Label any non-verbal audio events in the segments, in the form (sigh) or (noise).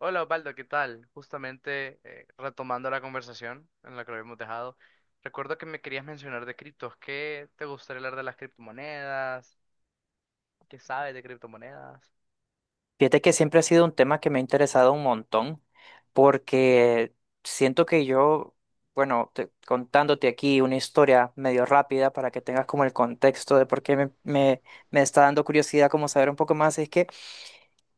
Hola Osvaldo, ¿qué tal? Justamente retomando la conversación en la que lo habíamos dejado, recuerdo que me querías mencionar de criptos. ¿Qué te gustaría hablar de las criptomonedas? ¿Qué sabes de criptomonedas? Fíjate que siempre ha sido un tema que me ha interesado un montón, porque siento que yo, bueno, contándote aquí una historia medio rápida para que tengas como el contexto de por qué me está dando curiosidad como saber un poco más, es que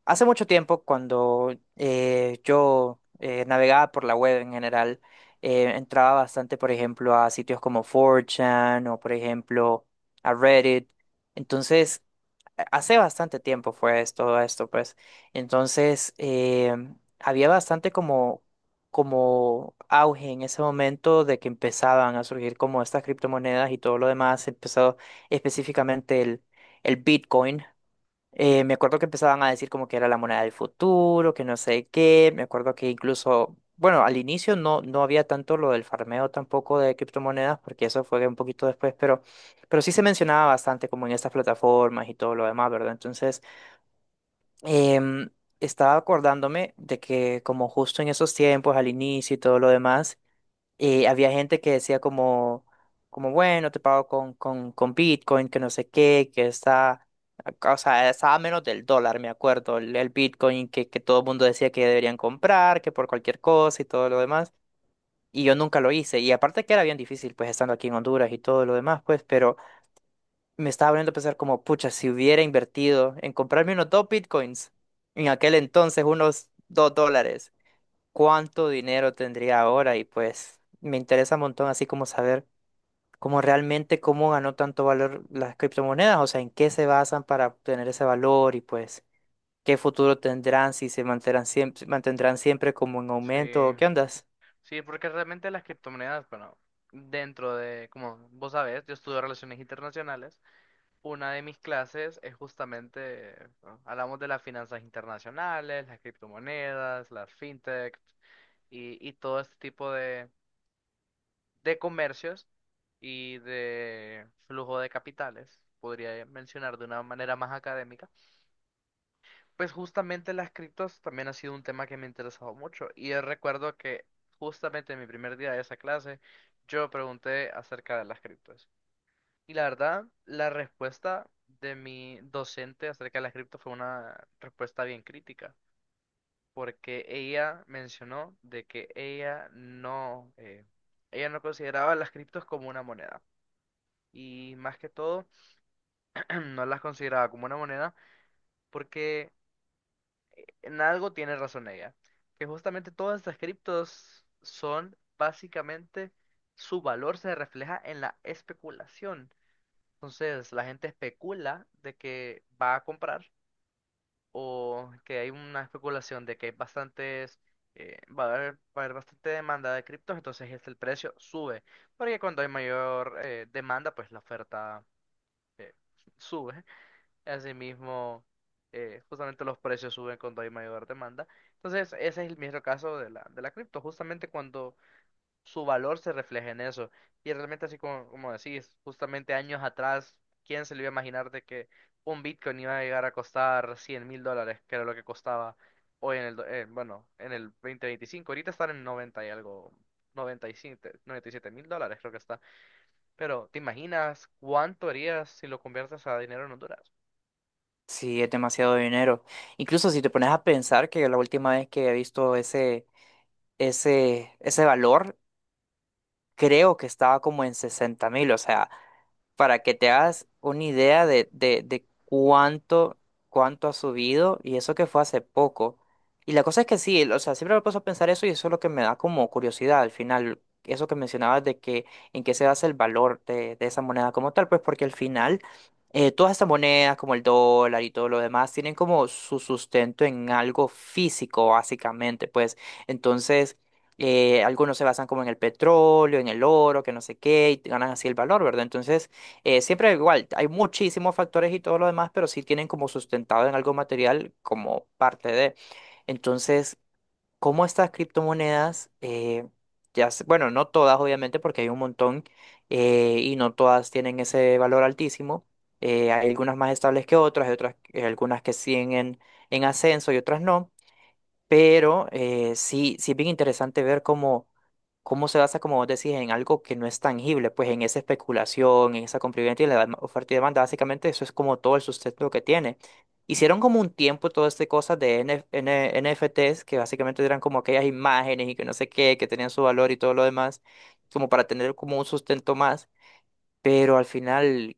hace mucho tiempo cuando yo navegaba por la web en general, entraba bastante, por ejemplo, a sitios como 4chan o, por ejemplo, a Reddit. Entonces, hace bastante tiempo todo esto, pues. Entonces, había bastante como, como auge en ese momento de que empezaban a surgir como estas criptomonedas y todo lo demás. Empezó específicamente el Bitcoin. Me acuerdo que empezaban a decir como que era la moneda del futuro, que no sé qué. Me acuerdo que incluso, bueno, al inicio no había tanto lo del farmeo tampoco de criptomonedas, porque eso fue un poquito después, pero sí se mencionaba bastante como en estas plataformas y todo lo demás, ¿verdad? Entonces, em, estaba acordándome de que como justo en esos tiempos, al inicio y todo lo demás, y había gente que decía como, como bueno, te pago con Bitcoin, que no sé qué, que está, o sea, estaba a menos del dólar, me acuerdo, el Bitcoin que todo el mundo decía que deberían comprar, que por cualquier cosa y todo lo demás. Y yo nunca lo hice. Y aparte que era bien difícil, pues estando aquí en Honduras y todo lo demás, pues, pero me estaba poniendo a pensar como, pucha, si hubiera invertido en comprarme unos dos Bitcoins, en aquel entonces unos dos dólares, cuánto dinero tendría ahora. Y pues me interesa un montón así como saber cómo realmente cómo ganó tanto valor las criptomonedas, o sea, en qué se basan para obtener ese valor y pues qué futuro tendrán, si se mantendrán siempre como en Sí, aumento o qué ondas. sí, porque realmente las criptomonedas, bueno, dentro de, como vos sabés, yo estudio relaciones internacionales. Una de mis clases es justamente, bueno, hablamos de las finanzas internacionales, las criptomonedas, las fintech y todo este tipo de comercios y de flujo de capitales, podría mencionar de una manera más académica, pues justamente las criptos también ha sido un tema que me ha interesado mucho. Y yo recuerdo que justamente en mi primer día de esa clase, yo pregunté acerca de las criptos. Y la verdad, la respuesta de mi docente acerca de las criptos fue una respuesta bien crítica, porque ella mencionó de que ella no consideraba las criptos como una moneda. Y más que todo (clears throat) no las consideraba como una moneda porque en algo tiene razón ella, que justamente todas estas criptos son básicamente su valor se refleja en la especulación. Entonces la gente especula de que va a comprar o que hay una especulación de que va a haber bastante demanda de criptos, entonces este, el precio sube, porque cuando hay mayor demanda, pues la oferta eh, sube. Asimismo, justamente los precios suben cuando hay mayor demanda. Entonces, ese es el mismo caso de la cripto, justamente cuando su valor se refleja en eso. Y realmente, así como, como decís, justamente años atrás, ¿quién se le iba a imaginar de que un Bitcoin iba a llegar a costar $100,000, que era lo que costaba hoy en el, en el 2025? Ahorita están en 90 y algo, noventa noventa y siete $97,000 creo que está. Pero, ¿te imaginas cuánto harías si lo conviertes a dinero en Honduras? Sí, es demasiado dinero. Incluso si te pones a pensar que la última vez que he visto ese valor creo que estaba como en 60.000, o sea, para que te hagas una idea de, de cuánto, cuánto ha subido, y eso que fue hace poco. Y la cosa es que sí, o sea, siempre me puedo a pensar eso y eso es lo que me da como curiosidad al final, eso que mencionabas de que en qué se basa el valor de esa moneda como tal, pues porque al final todas estas monedas como el dólar y todo lo demás tienen como su sustento en algo físico básicamente, pues entonces... Algunos se basan como en el petróleo, en el oro, que no sé qué, y ganan así el valor, ¿verdad? Entonces, siempre igual, hay muchísimos factores y todo lo demás, pero sí tienen como sustentado en algo material como parte de. Entonces, ¿cómo estas criptomonedas, ya, bueno, no todas obviamente, porque hay un montón y no todas tienen ese valor altísimo. Hay algunas más estables que otras, hay otras, algunas que siguen en ascenso y otras no. Pero sí, sí es bien interesante ver cómo cómo se basa, como vos decís, en algo que no es tangible, pues en esa especulación, en esa compraventa y la oferta y demanda, básicamente eso es como todo el sustento que tiene. Hicieron como un tiempo todas estas cosas de NFTs, que básicamente eran como aquellas imágenes y que no sé qué, que tenían su valor y todo lo demás, como para tener como un sustento más, pero al final,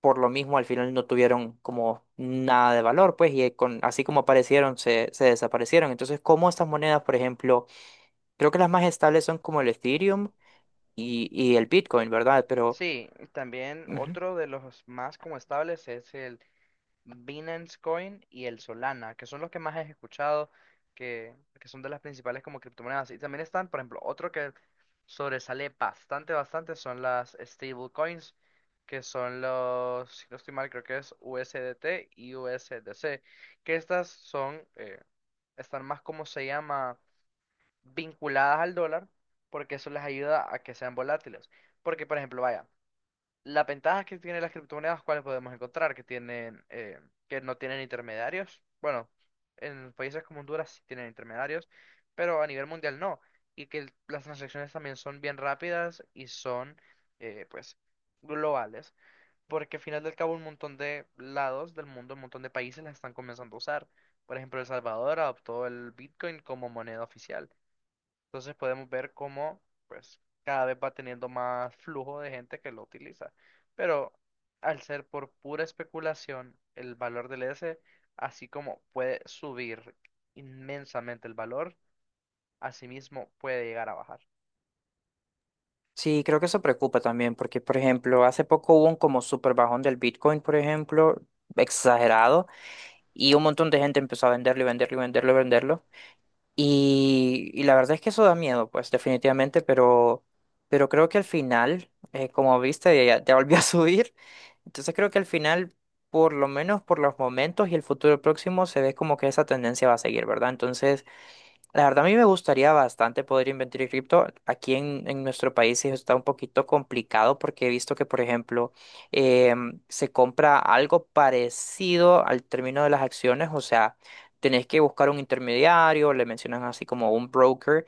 por lo mismo, al final no tuvieron como nada de valor, pues, y con, así como aparecieron, se desaparecieron. Entonces, ¿cómo estas monedas, por ejemplo, creo que las más estables son como el Ethereum, y el Bitcoin, ¿verdad? Pero Sí, y también ujú, otro de los más como estables es el Binance Coin y el Solana, que son los que más he escuchado, que son de las principales como criptomonedas. Y también están, por ejemplo, otro que sobresale bastante, bastante son las stable coins, que son los, si no estoy mal, creo que es USDT y USDC, que estas son, están más, como se llama, vinculadas al dólar, porque eso les ayuda a que sean volátiles. Porque, por ejemplo, vaya. Las ventajas que tienen las criptomonedas, ¿cuáles podemos encontrar? Que tienen, que no tienen intermediarios. Bueno, en países como Honduras sí tienen intermediarios, pero a nivel mundial no. Y que las transacciones también son bien rápidas y son, eh, pues, globales. Porque al final del cabo un montón de lados del mundo, un montón de países las están comenzando a usar. Por ejemplo, El Salvador adoptó el Bitcoin como moneda oficial. Entonces podemos ver cómo pues cada vez va teniendo más flujo de gente que lo utiliza. Pero al ser por pura especulación, el valor así como puede subir inmensamente el valor, asimismo puede llegar a bajar. sí, creo que eso preocupa también, porque, por ejemplo, hace poco hubo un como super bajón del Bitcoin, por ejemplo, exagerado, y un montón de gente empezó a venderlo y venderlo y venderlo y venderlo. Y la verdad es que eso da miedo, pues, definitivamente, pero creo que al final, como viste, ya, ya volvió a (laughs) subir. Entonces creo que al final, por lo menos por los momentos y el futuro próximo, se ve como que esa tendencia va a seguir, ¿verdad? Entonces... La verdad, a mí me gustaría bastante poder invertir en cripto. Aquí en nuestro país sí está un poquito complicado porque he visto que, por ejemplo, se compra algo parecido al término de las acciones. O sea, tenés que buscar un intermediario, le mencionan así como un broker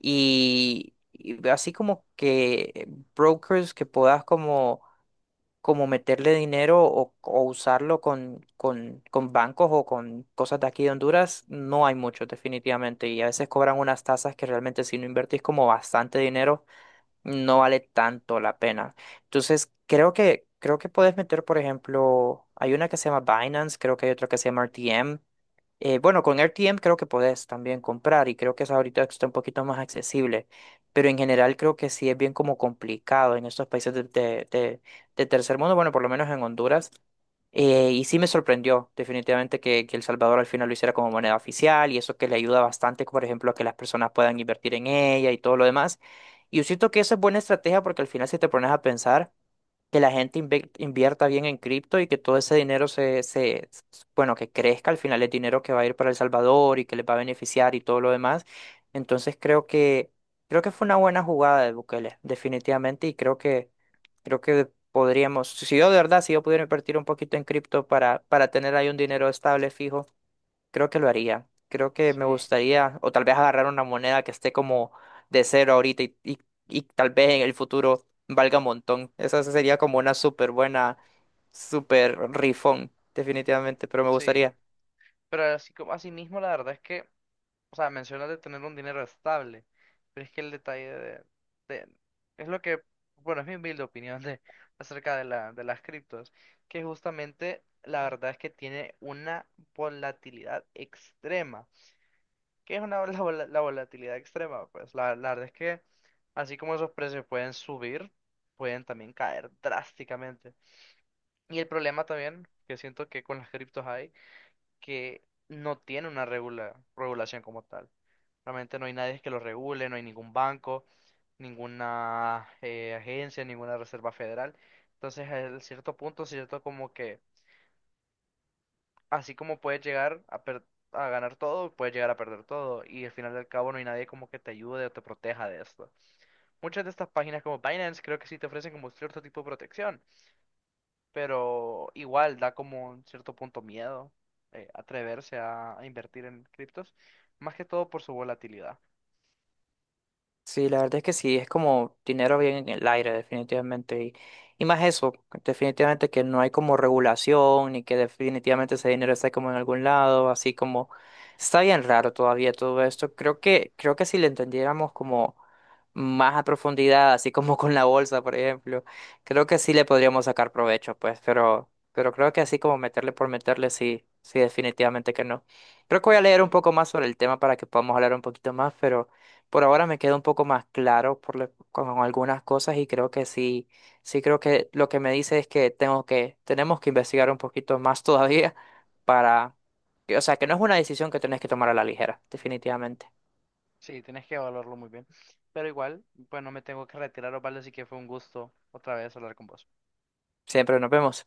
y así como que brokers que puedas como como meterle dinero o usarlo con bancos o con cosas de aquí de Honduras, no hay mucho definitivamente. Y a veces cobran unas tasas que realmente si no invertís como bastante dinero, no vale tanto la pena. Entonces, creo que puedes meter, por ejemplo, hay una que se llama Binance, creo que hay otra que se llama RTM. Bueno, con RTM creo que podés también comprar y creo que eso ahorita está un poquito más accesible, pero en general creo que sí es bien como complicado en estos países de tercer mundo, bueno, por lo menos en Honduras, y sí me sorprendió definitivamente que El Salvador al final lo hiciera como moneda oficial y eso que le ayuda bastante, por ejemplo, a que las personas puedan invertir en ella y todo lo demás. Y yo siento que eso es buena estrategia porque al final si te pones a pensar que la gente invierta bien en cripto y que todo ese dinero bueno, que crezca, al final es dinero que va a ir para El Salvador y que les va a beneficiar y todo lo demás. Entonces creo que fue una buena jugada de Bukele, definitivamente, y creo que podríamos, si yo de verdad, si yo pudiera invertir un poquito en cripto para tener ahí un dinero estable, fijo. Creo que lo haría. Creo que me Sí, gustaría, o tal vez agarrar una moneda que esté como de cero ahorita y tal vez en el futuro valga un montón. Esa sería como una súper buena, súper rifón, definitivamente, pero me sí. gustaría. Pero así como asimismo, la verdad es que, o sea, mencionas de tener un dinero estable, pero es que el detalle de- es lo que, bueno, es mi humilde opinión de, acerca de la, de las criptos, que justamente la verdad es que tiene una volatilidad extrema. ¿Qué es (laughs) la volatilidad extrema? Pues la verdad es que así como esos precios pueden subir, pueden también caer drásticamente. Y el problema también que siento que con las criptos hay, que no tiene una regulación como tal. Realmente no hay nadie que lo regule, no hay ningún banco, ninguna agencia, ninguna reserva federal. Entonces, a cierto punto, cierto como que, así como puedes llegar a ganar todo, puedes llegar a perder todo. Y al final del cabo no hay nadie como que te ayude o te proteja de esto. Muchas de estas páginas como Binance creo que sí te ofrecen como cierto tipo de protección, pero igual da como un cierto punto miedo atreverse a invertir en criptos, más que todo por su volatilidad. Sí, la verdad es que sí, es como dinero bien en el aire, definitivamente. Y más eso, definitivamente que no hay como regulación, ni que definitivamente ese dinero está como en algún lado, así como está bien raro todavía todo esto. Creo que si le entendiéramos como más a profundidad, así como (laughs) con la bolsa, por ejemplo, creo que sí le podríamos sacar provecho, pues, pero creo que así como meterle por meterle, sí, sí, definitivamente que no. Creo que voy a leer Sí. un poco más sobre el tema para que podamos hablar un poquito más, pero. Por ahora me queda un poco más claro por con algunas cosas y creo que sí, sí creo que lo que me dice es que tengo que, tenemos que investigar un poquito más (laughs) todavía para, o sea, que no es una decisión que tenés que tomar a la ligera, definitivamente. Sí, tienes que evaluarlo muy bien. Pero igual, pues no me tengo que retirar, Osvaldo, así que fue un gusto otra vez hablar con vos. Siempre nos vemos.